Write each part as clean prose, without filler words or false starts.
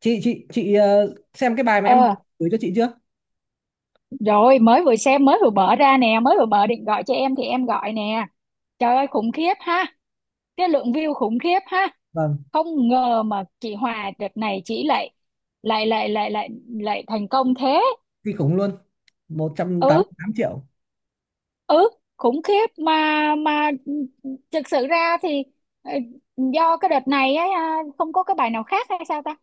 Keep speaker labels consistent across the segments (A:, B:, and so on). A: Chị xem cái bài mà em
B: Ờ,
A: gửi cho chị chưa?
B: rồi mới vừa xem mới vừa mở ra nè, mới vừa mở định gọi cho em thì em gọi nè. Trời ơi khủng khiếp ha, cái lượng view khủng khiếp ha.
A: Vâng,
B: Không ngờ mà chị Hòa đợt này chị lại lại lại lại lại lại thành công thế.
A: kinh khủng luôn, một trăm tám
B: Ừ,
A: mươi tám triệu
B: ừ, khủng khiếp mà thực sự ra thì ờ, do cái đợt này ấy, à, không có cái bài nào khác hay sao ta?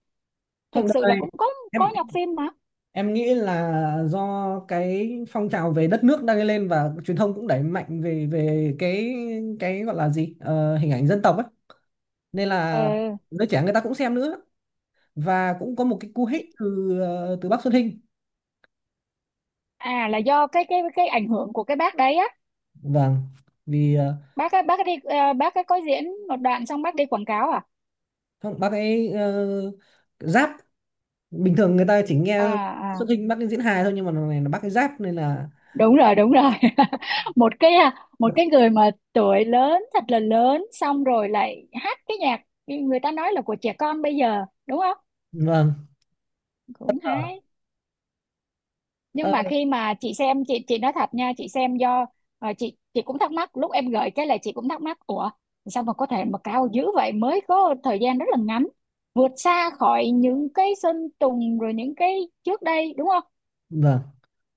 A: Không,
B: Thực
A: đợt
B: sự là
A: này
B: cũng có
A: em
B: nhọc phim mà.
A: em nghĩ là do cái phong trào về đất nước đang lên, và truyền thông cũng đẩy mạnh về về cái gọi là gì, hình ảnh dân tộc ấy, nên là
B: Ừ,
A: giới trẻ người ta cũng xem nữa. Và cũng có một cái cú hích từ từ bác Xuân Hinh.
B: à là do cái ảnh hưởng của cái bác đấy á.
A: Vâng, vì
B: Bác á, bác đi bác ấy có diễn một đoạn xong bác đi quảng cáo à?
A: không, bác ấy giáp, bình thường người ta chỉ nghe
B: à, à
A: Xuân Hinh bắt Ninh diễn hài thôi, nhưng mà lần này là Bắc cái giáp nên là
B: Đúng rồi đúng rồi. Một cái người mà tuổi lớn thật là lớn xong rồi lại hát cái nhạc người ta nói là của trẻ con bây giờ, đúng không?
A: vâng.
B: Cũng hay,
A: ờ,
B: nhưng mà khi mà chị xem, chị nói thật nha, chị xem do chị cũng thắc mắc lúc em gửi cái, là chị cũng thắc mắc, ủa sao mà có thể mà cao dữ vậy mới có thời gian rất là ngắn, vượt xa khỏi những cái Sơn Tùng rồi những cái trước đây, đúng không?
A: vâng,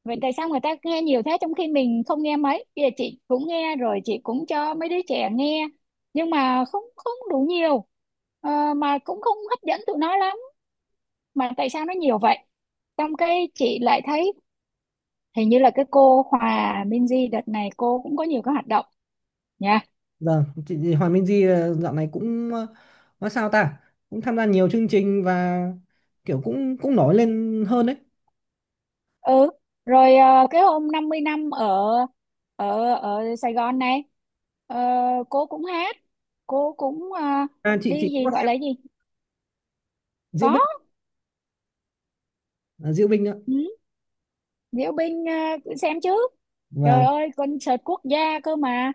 B: Vậy tại sao người ta nghe nhiều thế trong khi mình không nghe mấy? Bây giờ chị cũng nghe rồi, chị cũng cho mấy đứa trẻ nghe. Nhưng mà không, không đủ nhiều. Ờ, mà cũng không hấp dẫn tụi nó lắm. Mà tại sao nó nhiều vậy? Xong cái chị lại thấy hình như là cái cô Hòa Minzy đợt này cô cũng có nhiều cái hoạt động nha.
A: vâng, chị Hoàng Minh Di dạo này cũng nói sao ta, cũng tham gia nhiều chương trình và kiểu cũng cũng nổi lên hơn đấy.
B: Ừ. Rồi cái hôm 50 năm ở ở ở Sài Gòn này, ờ, cô cũng hát, cô cũng
A: À, chị
B: đi
A: cũng
B: gì
A: có
B: gọi là
A: xem
B: gì?
A: Diễu
B: Có.
A: Binh. À, Diễu Binh nữa.
B: Ừ, diễu binh à, cứ xem trước. Trời
A: Vâng,
B: ơi, concert quốc gia cơ mà.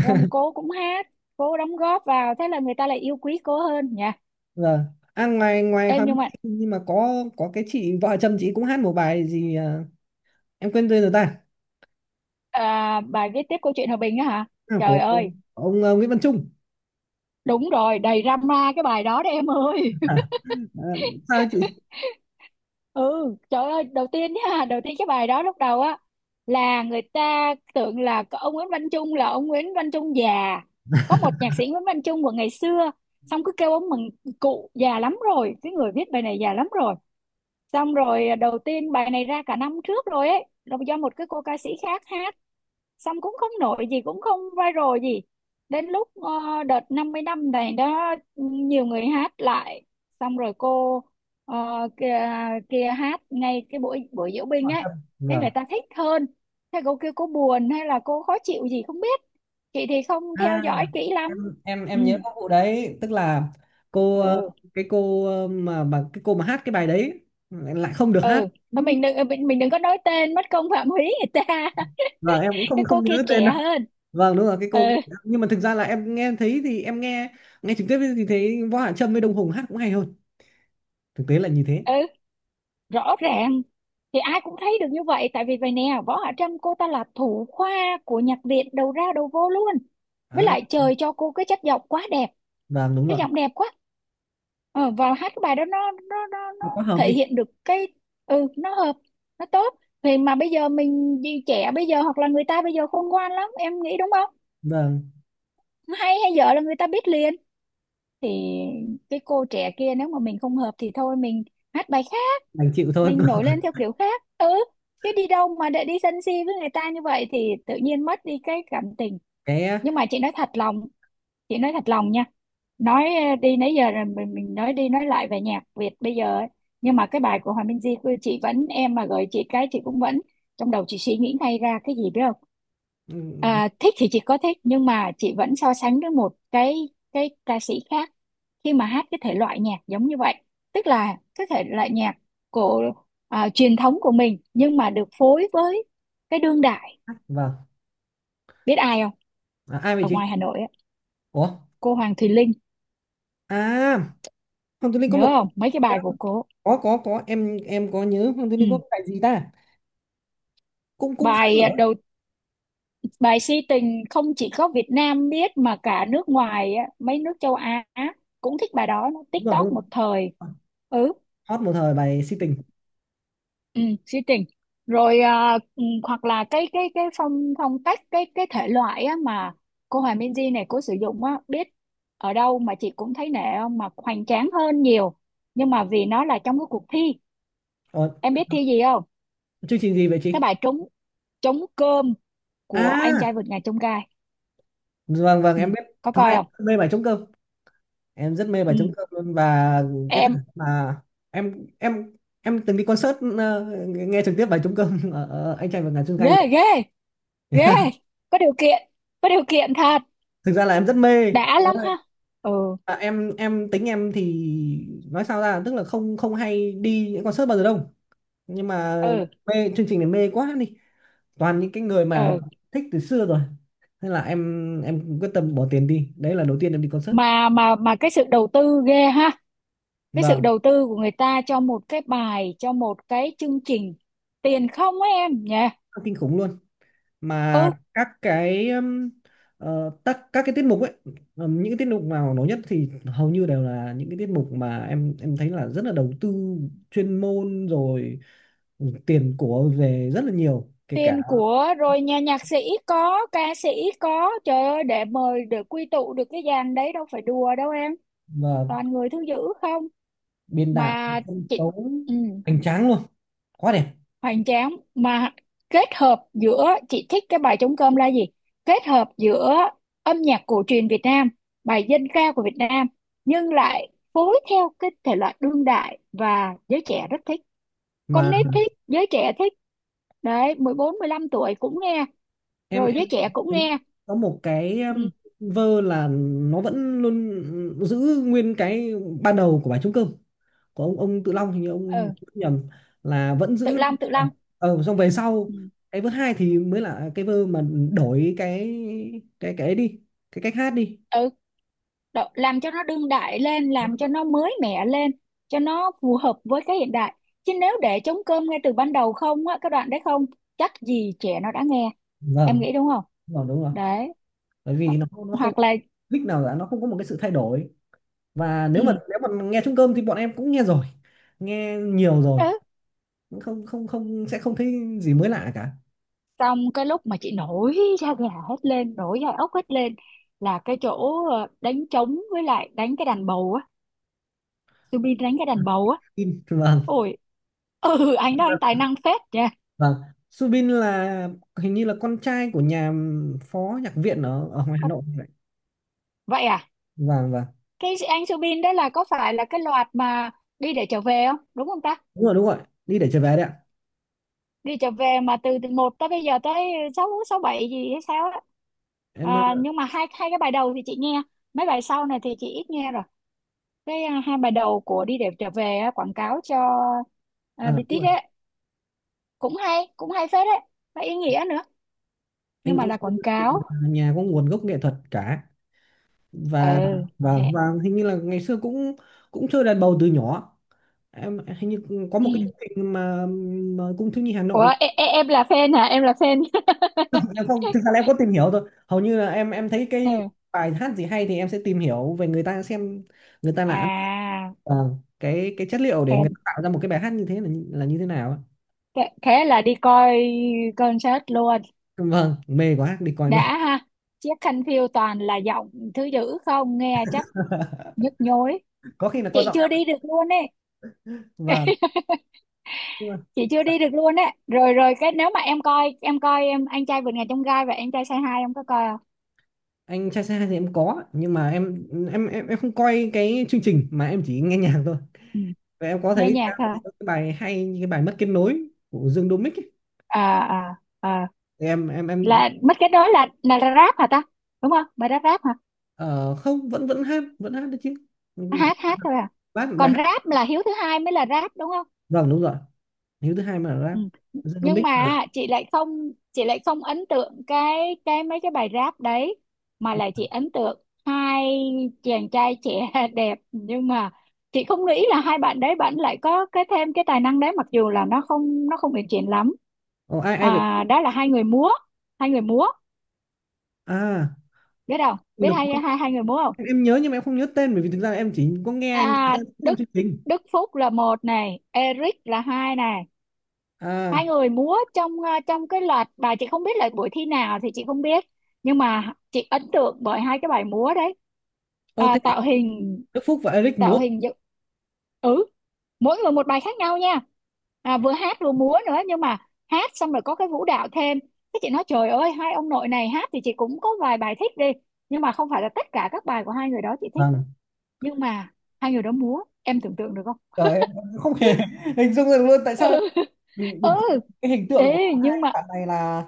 B: Rồng cô cũng hát, cô đóng góp vào, thế là người ta lại yêu quý cô hơn nha.
A: vâng. À, ngoài ngoài
B: Em,
A: Hoàng
B: nhưng
A: Minh
B: mà
A: Di nhưng mà có cái chị vợ chồng chị cũng hát một bài gì, em quên tên rồi ta.
B: à, bài viết tiếp câu chuyện hòa bình á hả?
A: À,
B: Trời
A: của
B: ơi,
A: ông Nguyễn Văn Trung.
B: đúng rồi, đầy drama cái bài đó đấy em ơi.
A: À, sao ấy chị
B: Ừ, trời ơi, đầu tiên nha, đầu tiên cái bài đó lúc đầu á là người ta tưởng là có ông Nguyễn Văn Trung, là ông Nguyễn Văn Trung già, có một nhạc sĩ Nguyễn Văn Trung của ngày xưa. Xong cứ kêu ông mừng, cụ già lắm rồi, cái người viết bài này già lắm rồi. Xong rồi à, đầu tiên bài này ra cả năm trước rồi ấy, là do một cái cô ca sĩ khác hát, xong cũng không nổi gì, cũng không viral gì. Đến lúc đợt 50 năm này đó, nhiều người hát lại, xong rồi cô ờ, kia, kia hát ngay cái buổi buổi diễu binh
A: hỏi
B: ấy.
A: thầm?
B: Thế
A: Vâng.
B: người ta thích hơn, thế cô kêu cô buồn hay là cô khó chịu gì không biết, chị thì không theo
A: À,
B: dõi kỹ lắm.
A: em em
B: Ừ,
A: em nhớ có vụ đấy, tức là cô
B: ừ,
A: cái cô mà cái cô mà hát cái bài đấy lại không được hát.
B: ừ.
A: Ừ.
B: Thôi mình đừng có nói tên mất công phạm húy người ta.
A: Vâng, em cũng không
B: Cái cô
A: không
B: kia
A: nhớ tên
B: trẻ
A: đâu.
B: hơn.
A: Vâng, đúng rồi cái
B: Ừ,
A: cô, nhưng mà thực ra là em nghe thấy thì em nghe nghe trực tiếp thì thấy Võ Hạ Trâm với Đông Hùng hát cũng hay hơn. Thực tế là như thế.
B: ừ, rõ ràng thì ai cũng thấy được như vậy, tại vì vậy nè, Võ Hạ Trâm cô ta là thủ khoa của nhạc viện, đầu ra đầu vô luôn. Với
A: À,
B: lại trời cho cô cái chất giọng quá đẹp,
A: vâng đúng
B: cái
A: rồi.
B: giọng đẹp quá. Ờ, và hát cái bài đó nó
A: Nó quá hợp
B: thể
A: đi.
B: hiện được cái. Ừ, nó hợp, nó tốt. Thì mà bây giờ mình đi trẻ bây giờ, hoặc là người ta bây giờ khôn ngoan lắm, em nghĩ đúng không?
A: Vâng,
B: Hay hay dở là người ta biết liền. Thì cái cô trẻ kia nếu mà mình không hợp thì thôi, mình hát bài khác,
A: đành chịu thôi.
B: mình nổi lên theo kiểu khác. Ừ, chứ đi đâu mà để đi sân si với người ta như vậy thì tự nhiên mất đi cái cảm tình.
A: Cái
B: Nhưng mà chị nói thật lòng, chị nói thật lòng nha, nói đi nãy giờ rồi mình nói đi nói lại về nhạc Việt bây giờ ấy. Nhưng mà cái bài của Hòa Minzy của chị vẫn, em mà gửi chị cái chị cũng vẫn, trong đầu chị suy nghĩ ngay ra cái gì biết không?
A: ừ,
B: À, thích thì chị có thích, nhưng mà chị vẫn so sánh với một cái ca sĩ khác khi mà hát cái thể loại nhạc giống như vậy, tức là cái thể loại nhạc của à, truyền thống của mình nhưng mà được phối với cái đương đại.
A: hát vâng.
B: Biết ai không?
A: À, ai vậy
B: Ở
A: chị?
B: ngoài Hà Nội á,
A: Ủa?
B: cô Hoàng Thùy Linh.
A: À, Hồng Tú Linh có
B: Nhớ
A: một
B: không mấy cái bài của cô?
A: có em có nhớ Hoàng Tư
B: Ừ.
A: linh có cái bài gì ta, cũng cũng khá nổi.
B: Đầu bài si tình không chỉ có Việt Nam biết mà cả nước ngoài á, mấy nước châu Á cũng thích bài đó, nó
A: Đúng rồi, đúng
B: TikTok
A: rồi,
B: một thời. Ừ,
A: hot một thời bài si tình.
B: ừ, sĩ tình. Rồi ừ, hoặc là cái phong phong cách cái thể loại á, mà cô Hòa Minzy này cô sử dụng á, biết ở đâu mà chị cũng thấy nể không, mà hoành tráng hơn nhiều. Nhưng mà vì nó là trong cái cuộc thi,
A: Ờ,
B: em biết thi gì không?
A: chương trình gì vậy
B: Cái
A: chị?
B: bài trúng trúng cơm của anh trai
A: À,
B: vượt ngàn chông gai.
A: vâng vâng
B: Ừ,
A: em biết.
B: có
A: Thực ra
B: coi
A: em
B: không?
A: rất mê bài trống cơm, em rất mê bài trống
B: Ừ,
A: cơm luôn và cái
B: em
A: thằng mà em em từng đi concert, nghe trực tiếp bài trống cơm ở, ở anh trai vượt ngàn chông gai rồi.
B: ghê ghê ghê, có điều kiện, có điều kiện thật,
A: Thực ra là em rất mê.
B: đã
A: Sau đó
B: lắm
A: là,
B: ha. Ừ,
A: À, em tính em thì nói sao ra, tức là không không hay đi những concert bao giờ đâu, nhưng mà
B: ừ,
A: mê chương trình này mê quá đi, toàn những cái người mà
B: ừ,
A: thích từ xưa rồi, nên là em quyết tâm bỏ tiền đi, đấy là đầu tiên em đi concert.
B: mà cái sự đầu tư ghê ha, cái
A: Và
B: sự đầu tư của người ta cho một cái bài, cho một cái chương trình, tiền không á em nhỉ?
A: kinh khủng luôn. Mà
B: Ừ,
A: các cái các cái tiết mục ấy, những cái tiết mục nào nổi nhất thì hầu như đều là những cái tiết mục mà em thấy là rất là đầu tư chuyên môn rồi, ừ, tiền của về rất là nhiều, kể cả
B: tiền của rồi nhà nhạc sĩ có, ca sĩ có, trời ơi để mời để quy tụ được cái dàn đấy đâu phải đùa đâu em,
A: và
B: toàn người thứ dữ không
A: biên đạo,
B: mà
A: sân
B: chị.
A: khấu
B: Ừ.
A: hoành tráng luôn, quá đẹp.
B: Hoành tráng mà, kết hợp giữa, chị thích cái bài trống cơm là gì, kết hợp giữa âm nhạc cổ truyền Việt Nam, bài dân ca của Việt Nam, nhưng lại phối theo cái thể loại đương đại và giới trẻ rất thích. Con
A: Mà
B: nít thích, giới trẻ thích đấy, 14, 15 tuổi cũng nghe,
A: em
B: rồi
A: em
B: giới trẻ cũng nghe.
A: có một cái
B: Ừ,
A: vơ là nó vẫn luôn giữ nguyên cái ban đầu của bài trống cơm của ông Tự Long, hình như ông
B: ừ.
A: nhầm, là vẫn
B: Tự
A: giữ.
B: Long, Tự Long.
A: Xong về sau
B: Ừ.
A: cái vơ hai thì mới là cái vơ mà đổi cái cái ấy đi, cái cách hát đi.
B: Ừ. Làm cho nó đương đại lên,
A: Đúng
B: làm cho
A: rồi.
B: nó mới mẻ lên cho nó phù hợp với cái hiện đại, chứ nếu để trống cơm ngay từ ban đầu không á, cái đoạn đấy không chắc gì trẻ nó đã nghe, em
A: Vâng,
B: nghĩ đúng không?
A: đúng rồi,
B: Đấy,
A: bởi vì nó không
B: hoặc là.
A: click nào cả, nó không có một cái sự thay đổi, và
B: Ừ,
A: nếu mà nghe trống cơm thì bọn em cũng nghe rồi, nghe nhiều rồi,
B: ừ.
A: không không không sẽ không thấy gì mới lạ cả.
B: Xong cái lúc mà chị nổi da gà hết lên, nổi da ốc hết lên là cái chỗ đánh trống với lại đánh cái đàn bầu á, Subin đánh cái đàn bầu á.
A: Subin. Vâng,
B: Ôi. Ừ, anh đó anh tài năng phết nha.
A: vâng, Subin là hình như là con trai của nhà phó nhạc viện ở, ở ngoài Hà
B: Con-
A: Nội vậy.
B: Vậy à,
A: Vâng vâng.
B: cái anh Subin đó là có phải là cái loạt mà đi để trở về không, đúng không ta?
A: Đúng rồi, đúng rồi, đi để trở về đấy ạ.
B: Đi trở về mà từ từ một tới bây giờ tới sáu sáu bảy gì hay sao á?
A: Em ờ,
B: À, nhưng mà hai hai cái bài đầu thì chị nghe, mấy bài sau này thì chị ít nghe rồi. Cái à, hai bài đầu của đi để trở về á, quảng cáo cho à,
A: à, đúng rồi.
B: BTS ấy, cũng hay, cũng hay phết đấy, và ý nghĩa nữa, nhưng
A: anh
B: mà
A: anh
B: là
A: Subin
B: quảng
A: là
B: cáo.
A: nhà, nhà có nguồn gốc nghệ thuật cả. Và
B: Ừ.
A: và
B: Hẹ.
A: và hình như là ngày xưa cũng cũng chơi đàn bầu từ nhỏ. Em hình như có một cái
B: Ừ.
A: chương trình mà cung thiếu nhi Hà
B: Ủa
A: Nội.
B: e, e, em là fan hả, em là fan?
A: Em không, thực ra là em có tìm hiểu thôi, hầu như là em thấy cái
B: Ừ.
A: bài hát gì hay thì em sẽ tìm hiểu về người ta xem người ta là ăn,
B: à
A: vâng, cái chất liệu để
B: thế
A: người ta tạo ra một cái bài hát như thế là là như thế nào ạ.
B: Thế thế là đi coi concert luôn,
A: Vâng, mê quá đi coi luôn.
B: đã ha. Chiếc khăn phiêu toàn là giọng thứ dữ không, nghe chắc nhức nhối.
A: Có khi là có
B: Chị
A: giọng
B: chưa
A: em.
B: đi được luôn ấy.
A: Vâng. Nhưng mà
B: Chị chưa đi được luôn ấy, rồi rồi cái nếu mà em coi em coi em anh trai vượt ngàn chông gai và anh trai say hi em có coi không?
A: anh trai say hi thì em có, nhưng mà em không coi cái chương trình mà em chỉ nghe nhạc thôi.
B: Ừ.
A: Và em có
B: Nghe
A: thấy
B: nhạc hả?
A: cái bài hay như cái bài mất kết nối của Dương Đô Mích ấy.
B: À, à, à.
A: Thì em em em
B: Là mất, cái đó là rap hả ta, đúng không, bài đó rap hả?
A: ờ, không, vẫn vẫn hát được chứ. Ừ,
B: Hát hát thôi à?
A: bài
B: Còn
A: hát.
B: rap là hiếu thứ hai mới là rap, đúng không?
A: Vâng đúng rồi, hiếu thứ hai mà là
B: Ừ.
A: rap.
B: Nhưng
A: Genomics.
B: mà chị lại không ấn tượng cái mấy cái bài rap đấy, mà lại chị ấn tượng hai chàng trai trẻ đẹp. Nhưng mà chị không nghĩ là hai bạn đấy bạn lại có cái thêm cái tài năng đấy, mặc dù là nó không uyển chuyển lắm.
A: Ồ, ai ai vậy?
B: Đó là hai người múa, hai người múa.
A: À,
B: Biết không,
A: Quỳnh
B: biết
A: Lập
B: hai
A: Quốc.
B: hai hai người múa không?
A: Em nhớ nhưng mà em không nhớ tên, bởi vì thực ra em chỉ có nghe anh ta xem
B: Đức
A: chương trình.
B: Đức Phúc là một này, Eric là hai này. Hai
A: À,
B: người múa trong trong cái loạt bài, chị không biết là buổi thi nào thì chị không biết, nhưng mà chị ấn tượng bởi hai cái bài múa đấy.
A: ô thế à,
B: Tạo hình,
A: Đức Phúc và Eric
B: tạo
A: múa.
B: hình dựng. Ừ, mỗi người một bài khác nhau nha. Vừa hát vừa múa nữa, nhưng mà hát xong rồi có cái vũ đạo thêm. Thế chị nói trời ơi, hai ông nội này hát thì chị cũng có vài bài thích đi, nhưng mà không phải là tất cả các bài của hai người đó chị thích.
A: Vâng.
B: Nhưng mà hai người đó múa, em tưởng tượng được không?
A: Trời em, không hề hình dung được luôn. Tại
B: Ừ,
A: sao
B: ừ.
A: mình, cái hình tượng của
B: Ê, nhưng
A: hai
B: mà
A: bạn này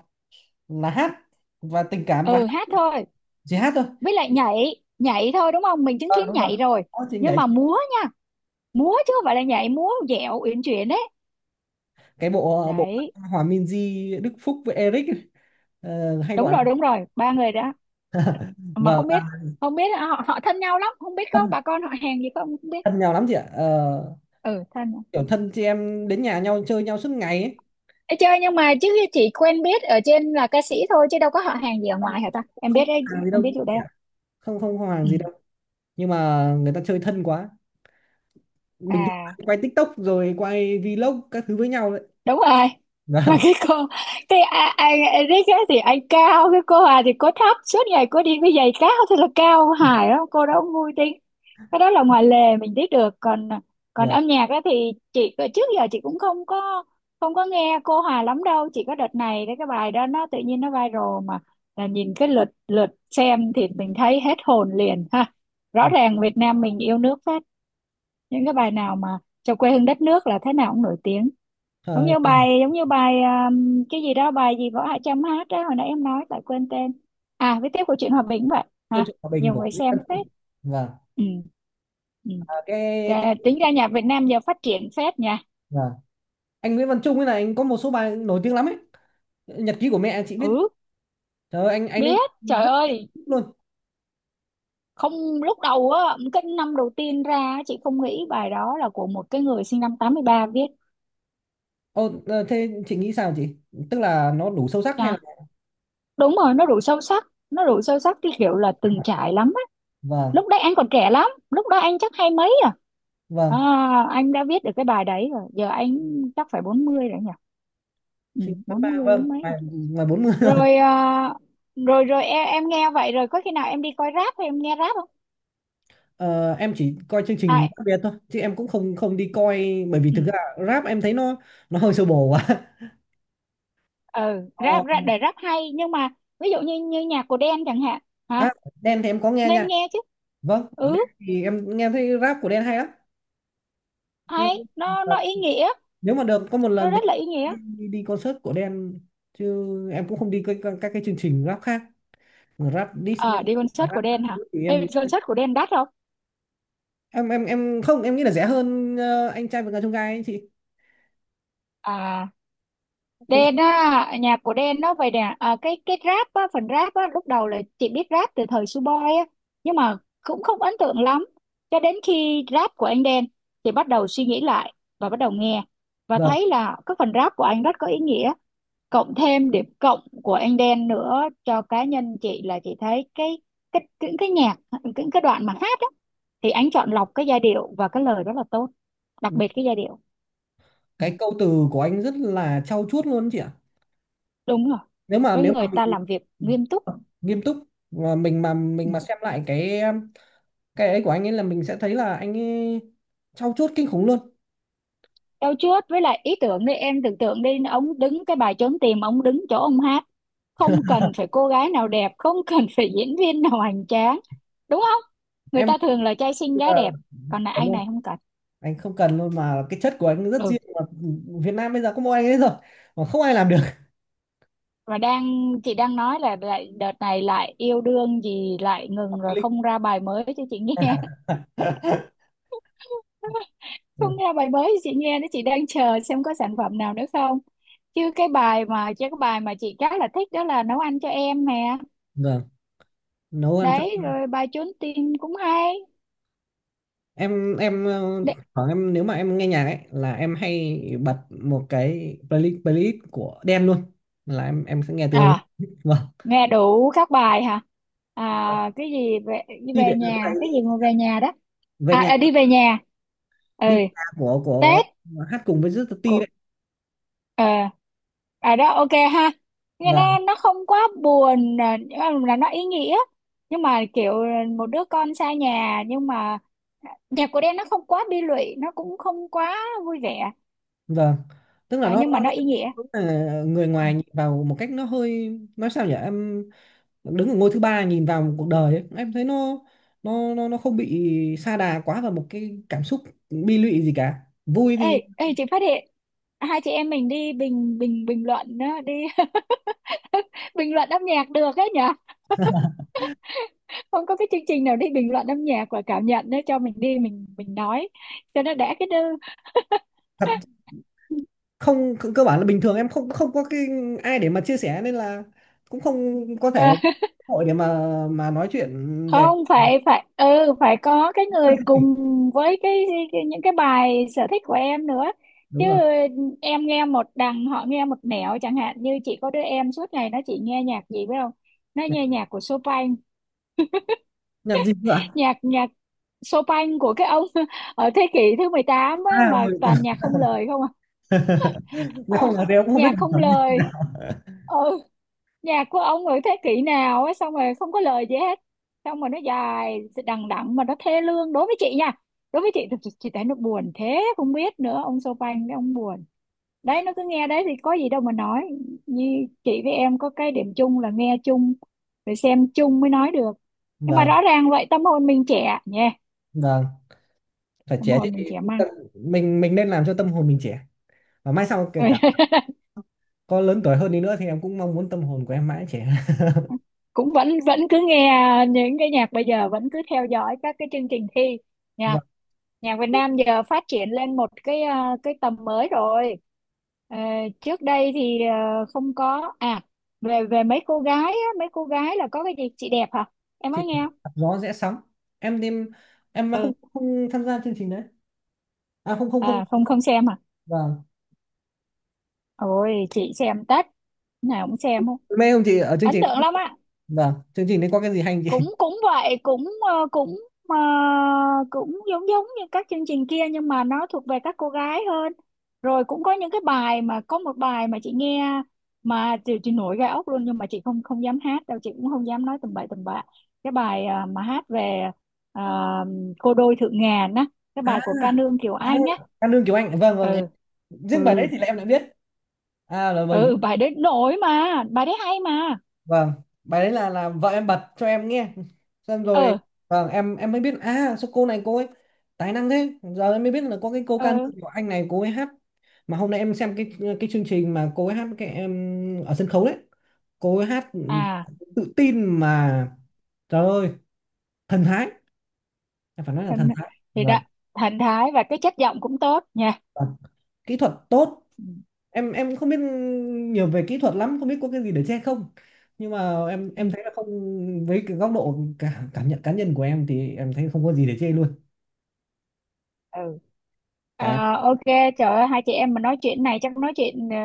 A: là hát và tình cảm và
B: ừ,
A: hát,
B: hát thôi,
A: chỉ hát thôi.
B: với lại nhảy. Nhảy thôi, đúng không? Mình chứng
A: À,
B: kiến
A: đúng rồi.
B: nhảy rồi.
A: Đó, chị
B: Nhưng
A: nhảy.
B: mà múa nha, múa chứ không phải là nhảy. Múa dẻo uyển chuyển đấy.
A: Cái bộ bộ
B: Đấy,
A: Hòa Minzy Đức Phúc với Eric ấy, ờ, hay
B: đúng
A: gọi
B: rồi,
A: là
B: đúng rồi, ba người đó. Mà
A: vâng.
B: không
A: À,
B: biết, không biết họ họ thân nhau lắm không, biết có
A: thân,
B: bà con họ hàng gì không, không biết.
A: thân nhau lắm chị ạ. Ờ,
B: Ừ, thân nhau.
A: kiểu thân chị em đến nhà nhau chơi nhau suốt ngày ấy.
B: Ê, chơi nhưng mà chứ chỉ quen biết ở trên là ca sĩ thôi, chứ đâu có họ hàng gì ở
A: Không
B: ngoài hả ta, em
A: không
B: biết
A: có
B: đấy?
A: hàng gì đâu,
B: Em biết chỗ đây.
A: kiểu không không có hàng
B: Ừ.
A: gì đâu, nhưng mà người ta chơi thân quá, bình
B: À,
A: thường quay TikTok rồi quay vlog các thứ với nhau đấy.
B: đúng rồi. Mà
A: Vâng.
B: cái cô, ai Eric á thì anh cao, cái cô Hà thì cô thấp, suốt ngày cô đi với giày cao thì là cao hài lắm, cô đó vui tính. Cái đó là ngoài lề mình biết được, còn còn
A: Vâng.
B: âm nhạc á thì chị trước giờ chị cũng không có nghe cô Hà lắm đâu, chỉ có đợt này đấy cái bài đó nó tự nhiên nó viral mà, là nhìn cái lượt lượt xem thì mình thấy hết hồn liền ha. Rõ
A: Ừ.
B: ràng Việt Nam mình yêu nước phết, những cái bài nào mà cho quê hương đất nước là thế nào cũng nổi tiếng. Giống
A: Ờ,
B: như bài, giống như bài cái gì đó, bài gì Võ Hạ Trâm hát đó, hồi nãy em nói lại quên tên. À, viết tiếp của chuyện hòa bình vậy
A: câu
B: hả?
A: chuyện hòa bình
B: Nhiều
A: của
B: người
A: Nguyễn
B: xem
A: Văn
B: phết.
A: Trung. Vâng.
B: Ừ, ừ.
A: À, cái,
B: Trời, tính ra nhạc Việt Nam giờ phát triển phết nha.
A: vâng, anh Nguyễn Văn Trung ấy là anh có một số bài nổi tiếng lắm ấy. Nhật ký của mẹ chị biết.
B: Ừ,
A: Trời ơi, anh ấy
B: biết, trời
A: rất thích
B: ơi.
A: luôn.
B: Không, lúc đầu á, cái năm đầu tiên ra á, chị không nghĩ bài đó là của một cái người sinh năm 83 viết.
A: Ồ, ờ, thế chị nghĩ sao chị, tức là nó đủ sâu sắc hay là
B: Nha, đúng rồi, nó đủ sâu sắc, nó đủ sâu sắc, cái kiểu là từng trải lắm.
A: vâng,
B: Lúc đấy anh còn trẻ lắm, lúc đó anh chắc hai mấy à. À,
A: vâng,
B: anh đã viết được cái bài đấy rồi, giờ anh chắc phải 40 rồi nhỉ. Ừ,
A: sinh năm
B: bốn
A: ba
B: mươi
A: vâng,
B: bốn mấy rồi.
A: ngoài ngoài 40.
B: Rồi, rồi rồi, em nghe vậy rồi, có khi nào em đi coi rap hay em nghe rap không?
A: Ờ, em chỉ coi chương trình
B: À,
A: Rap biệt thôi, chứ em cũng không không đi coi, bởi vì
B: ừ,
A: thực ra rap em thấy nó hơi sơ bồ quá.
B: ừ
A: Ờ,
B: rap, rap để rap hay, nhưng mà ví dụ như như nhạc của Đen chẳng hạn. Hả?
A: à, Đen thì em có nghe
B: Nên
A: nha.
B: nghe chứ.
A: Vâng, Đen
B: Ừ,
A: thì em nghe thấy rap của Đen hay lắm. Nhưng
B: hay,
A: mà ờ,
B: nó ý nghĩa.
A: nếu mà được có một
B: Nó
A: lần thì
B: rất là ý nghĩa.
A: em đi, đi concert của Đen, chứ em cũng không đi các các cái chương trình rap khác. Rap diss nhau,
B: À, đi concert của
A: rap các
B: Đen hả?
A: thứ thì
B: Đi
A: em
B: concert của Đen đắt không?
A: em em em không, em nghĩ là rẻ hơn anh trai vượt ngàn chông gai ấy chị.
B: À,
A: Cũng
B: Đen á, nhạc của Đen nó vậy nè. Cái rap á, phần rap á, lúc đầu là chị biết rap từ thời Suboi á, nhưng mà cũng không ấn tượng lắm. Cho đến khi rap của anh Đen, thì bắt đầu suy nghĩ lại và bắt đầu nghe, và
A: vâng,
B: thấy là cái phần rap của anh rất có ý nghĩa. Cộng thêm điểm cộng của anh Đen nữa cho cá nhân chị là chị thấy cái những cái nhạc, những cái đoạn mà hát á, thì anh chọn lọc cái giai điệu và cái lời rất là tốt, đặc biệt cái giai điệu. Ừ,
A: cái câu từ của anh rất là trau chuốt luôn ấy chị ạ.
B: đúng rồi, có
A: Nếu mà
B: người ta làm việc nghiêm túc.
A: ờ, nghiêm túc, và
B: Ừ.
A: mình mà xem lại cái ấy của anh ấy là mình sẽ thấy là anh ấy trau chuốt kinh khủng luôn.
B: Đâu trước, với lại ý tưởng đi, em tưởng tượng đi, ông đứng cái bài trốn tìm, ông đứng chỗ ông hát, không cần phải cô gái nào đẹp, không cần phải diễn viên nào hoành tráng, đúng không? Người
A: Em
B: ta thường là trai xinh
A: ờ,
B: gái đẹp, còn là
A: cảm
B: anh
A: ơn.
B: này không cần.
A: Anh không cần luôn, mà cái chất của anh rất
B: Ừ,
A: riêng mà. Việt Nam bây giờ có mỗi anh ấy rồi, mà không ai làm được.
B: và đang chị đang nói là lại đợt này lại yêu đương gì lại ngừng
A: Cái
B: rồi,
A: link.
B: không ra bài mới cho chị nghe. Không
A: Ừ,
B: ra bài mới cho chị nghe đó, chị đang chờ xem có sản phẩm nào nữa không. Chứ cái bài mà, chứ cái bài mà chị khá là thích đó là nấu ăn cho em nè.
A: vâng, nấu ăn cho
B: Đấy, rồi bài trốn tìm cũng hay.
A: em. Em ờ,
B: Đấy.
A: khoảng em, nếu mà em nghe nhạc ấy là em hay bật một cái playlist, của đen luôn, là em sẽ nghe từ đầu đến
B: À,
A: cuối. Vâng.
B: nghe đủ các bài hả? À, cái gì về đi
A: Khi
B: về
A: để, tại
B: nhà, cái gì
A: vì
B: mà về nhà đó.
A: về
B: À,
A: nhà,
B: à, đi về nhà. Ừ,
A: đi vào nhà
B: Tết
A: của hát cùng với Rất Ti
B: của.
A: đấy.
B: ờ À, đó, ok ha. Nghe
A: Và
B: nó không quá buồn, à, nhưng mà là nó ý nghĩa, nhưng mà kiểu một đứa con xa nhà, nhưng mà nhạc của Đen nó không quá bi lụy, nó cũng không quá vui vẻ.
A: vâng, tức là
B: À, nhưng
A: nó
B: mà nó
A: hơi-,
B: ý nghĩa.
A: đúng là người ngoài nhìn vào một cách nó hơi nói sao nhỉ em, đứng ở ngôi thứ ba nhìn vào một cuộc đời ấy, em thấy nó nó nó không bị sa đà quá vào một cái cảm xúc bi lụy gì cả. Vui
B: Ê,
A: thì
B: ê, chị phát hiện hai chị em mình đi bình bình bình luận á, đi bình luận âm nhạc được ấy nhở. Không có cái chương trình nào đi bình luận âm nhạc và cảm nhận nữa cho mình đi, mình nói cho nó đã cái đư.
A: thật. Không, cơ cơ bản là bình thường em không không có cái ai để mà chia sẻ, nên là cũng không có
B: À,
A: thể cơ hội để mà nói chuyện về
B: không, phải phải, ừ phải có cái người cùng với cái những cái bài sở thích của em nữa chứ.
A: đúng rồi.
B: Em nghe một đằng họ nghe một nẻo, chẳng hạn như chị có đứa em suốt ngày nó chỉ nghe nhạc gì biết không? Nó
A: Nhạc,
B: nghe nhạc của Chopin.
A: nhạc gì nữa?
B: Nhạc nhạc Chopin của cái ông ở thế kỷ thứ 18 á,
A: À,
B: mà
A: Người.
B: toàn nhạc không lời không à.
A: Nếu
B: Ờ,
A: không nói thì em cũng không biết
B: nhạc
A: cuộc
B: không
A: sống.
B: lời. Ừ, nhạc của ông ở thế kỷ nào á, xong rồi không có lời gì hết, xong rồi nó dài đằng đẵng mà nó thê lương đối với chị nha. Đối với chị thì chị thấy nó buồn thế không biết nữa, ông Chopin đấy ông buồn. Đấy, nó cứ nghe đấy thì có gì đâu mà nói. Như chị với em có cái điểm chung là nghe chung rồi xem chung mới nói được. Nhưng mà
A: Vâng.
B: rõ ràng vậy tâm hồn mình trẻ nhỉ.
A: Vâng, phải
B: Tâm
A: trẻ chứ
B: hồn
A: chị.
B: mình trẻ măng.
A: Tâm- mình nên làm cho tâm hồn mình trẻ, và mai sau kể
B: Ừ.
A: cả có lớn tuổi hơn đi nữa thì em cũng mong muốn tâm hồn của em mãi trẻ.
B: Cũng vẫn vẫn cứ nghe những cái nhạc bây giờ, vẫn cứ theo dõi các cái chương trình thi nha.
A: Vâng,
B: Nhạc Việt Nam giờ phát triển lên một cái, cái tầm mới rồi. Ờ, trước đây thì không có à. Về Về mấy cô gái á, mấy cô gái là có cái gì, chị đẹp hả, em
A: chị.
B: nói nghe không?
A: Đạp gió rẽ sóng. Em em em không
B: Ừ,
A: không tham gia chương trình đấy. À không không không.
B: à không không xem hả?
A: Vâng.
B: Ôi chị xem tất, lúc nào cũng xem, không
A: Mê không chị ở chương
B: ấn
A: trình,
B: tượng lắm á.
A: vâng, chương trình đấy có cái gì hay không chị?
B: Cũng cũng vậy, cũng ờ, cũng giống, giống như các chương trình kia nhưng mà nó thuộc về các cô gái hơn. Rồi cũng có những cái bài, mà có một bài mà chị nghe mà chị nổi gai ốc luôn, nhưng mà chị không không dám hát đâu, chị cũng không dám nói tầm bậy tầm bạ. Cái bài mà hát về, ờ, cô đôi thượng ngàn á, cái
A: À,
B: bài của ca nương Kiều
A: à,
B: Anh á.
A: Cát Lương Kiều Anh. Vâng vâng em-,
B: Ừ,
A: riêng bài đấy
B: ừ,
A: thì là em đã biết. À là bởi
B: ừ, bài đấy nổi mà, bài đấy hay mà.
A: vâng, bài đấy là vợ em bật cho em nghe, xong rồi
B: Ờ,
A: vâng em mới biết. À sao cô này cô ấy tài năng thế? Giờ em mới biết là có cái cô
B: ờ,
A: ca nữ của anh này cô ấy hát. Mà hôm nay em xem cái chương trình mà cô ấy hát cái em ở sân khấu đấy, cô ấy hát ừ,
B: à
A: tự tin mà, trời ơi, thần thái, em phải nói là thần
B: Thanh,
A: thái
B: thì đó, thần thái và cái chất giọng cũng tốt nha.
A: và kỹ thuật tốt.
B: Ừ,
A: Em không biết nhiều về kỹ thuật lắm, không biết có cái gì để chê không, nhưng mà em
B: ừ,
A: thấy là không, với cái góc độ cả cảm nhận cá nhân của em thì em thấy không có gì để chê luôn
B: ừ.
A: cả.
B: Ờ, ok. Trời ơi, hai chị em mà nói chuyện này chắc nói chuyện ờ,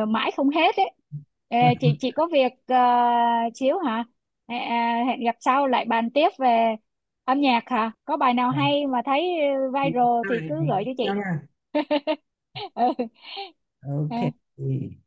B: ờ, mãi không hết ấy. Ê, chị chị có việc xíu hả. Hẹn gặp sau lại bàn tiếp về âm nhạc hả, có bài nào
A: Vâng.
B: hay mà thấy
A: Thì,
B: viral thì
A: bye bye. Hẹn
B: cứ gửi cho
A: gặp nhau
B: chị.
A: nha.
B: Ừ.
A: Ok.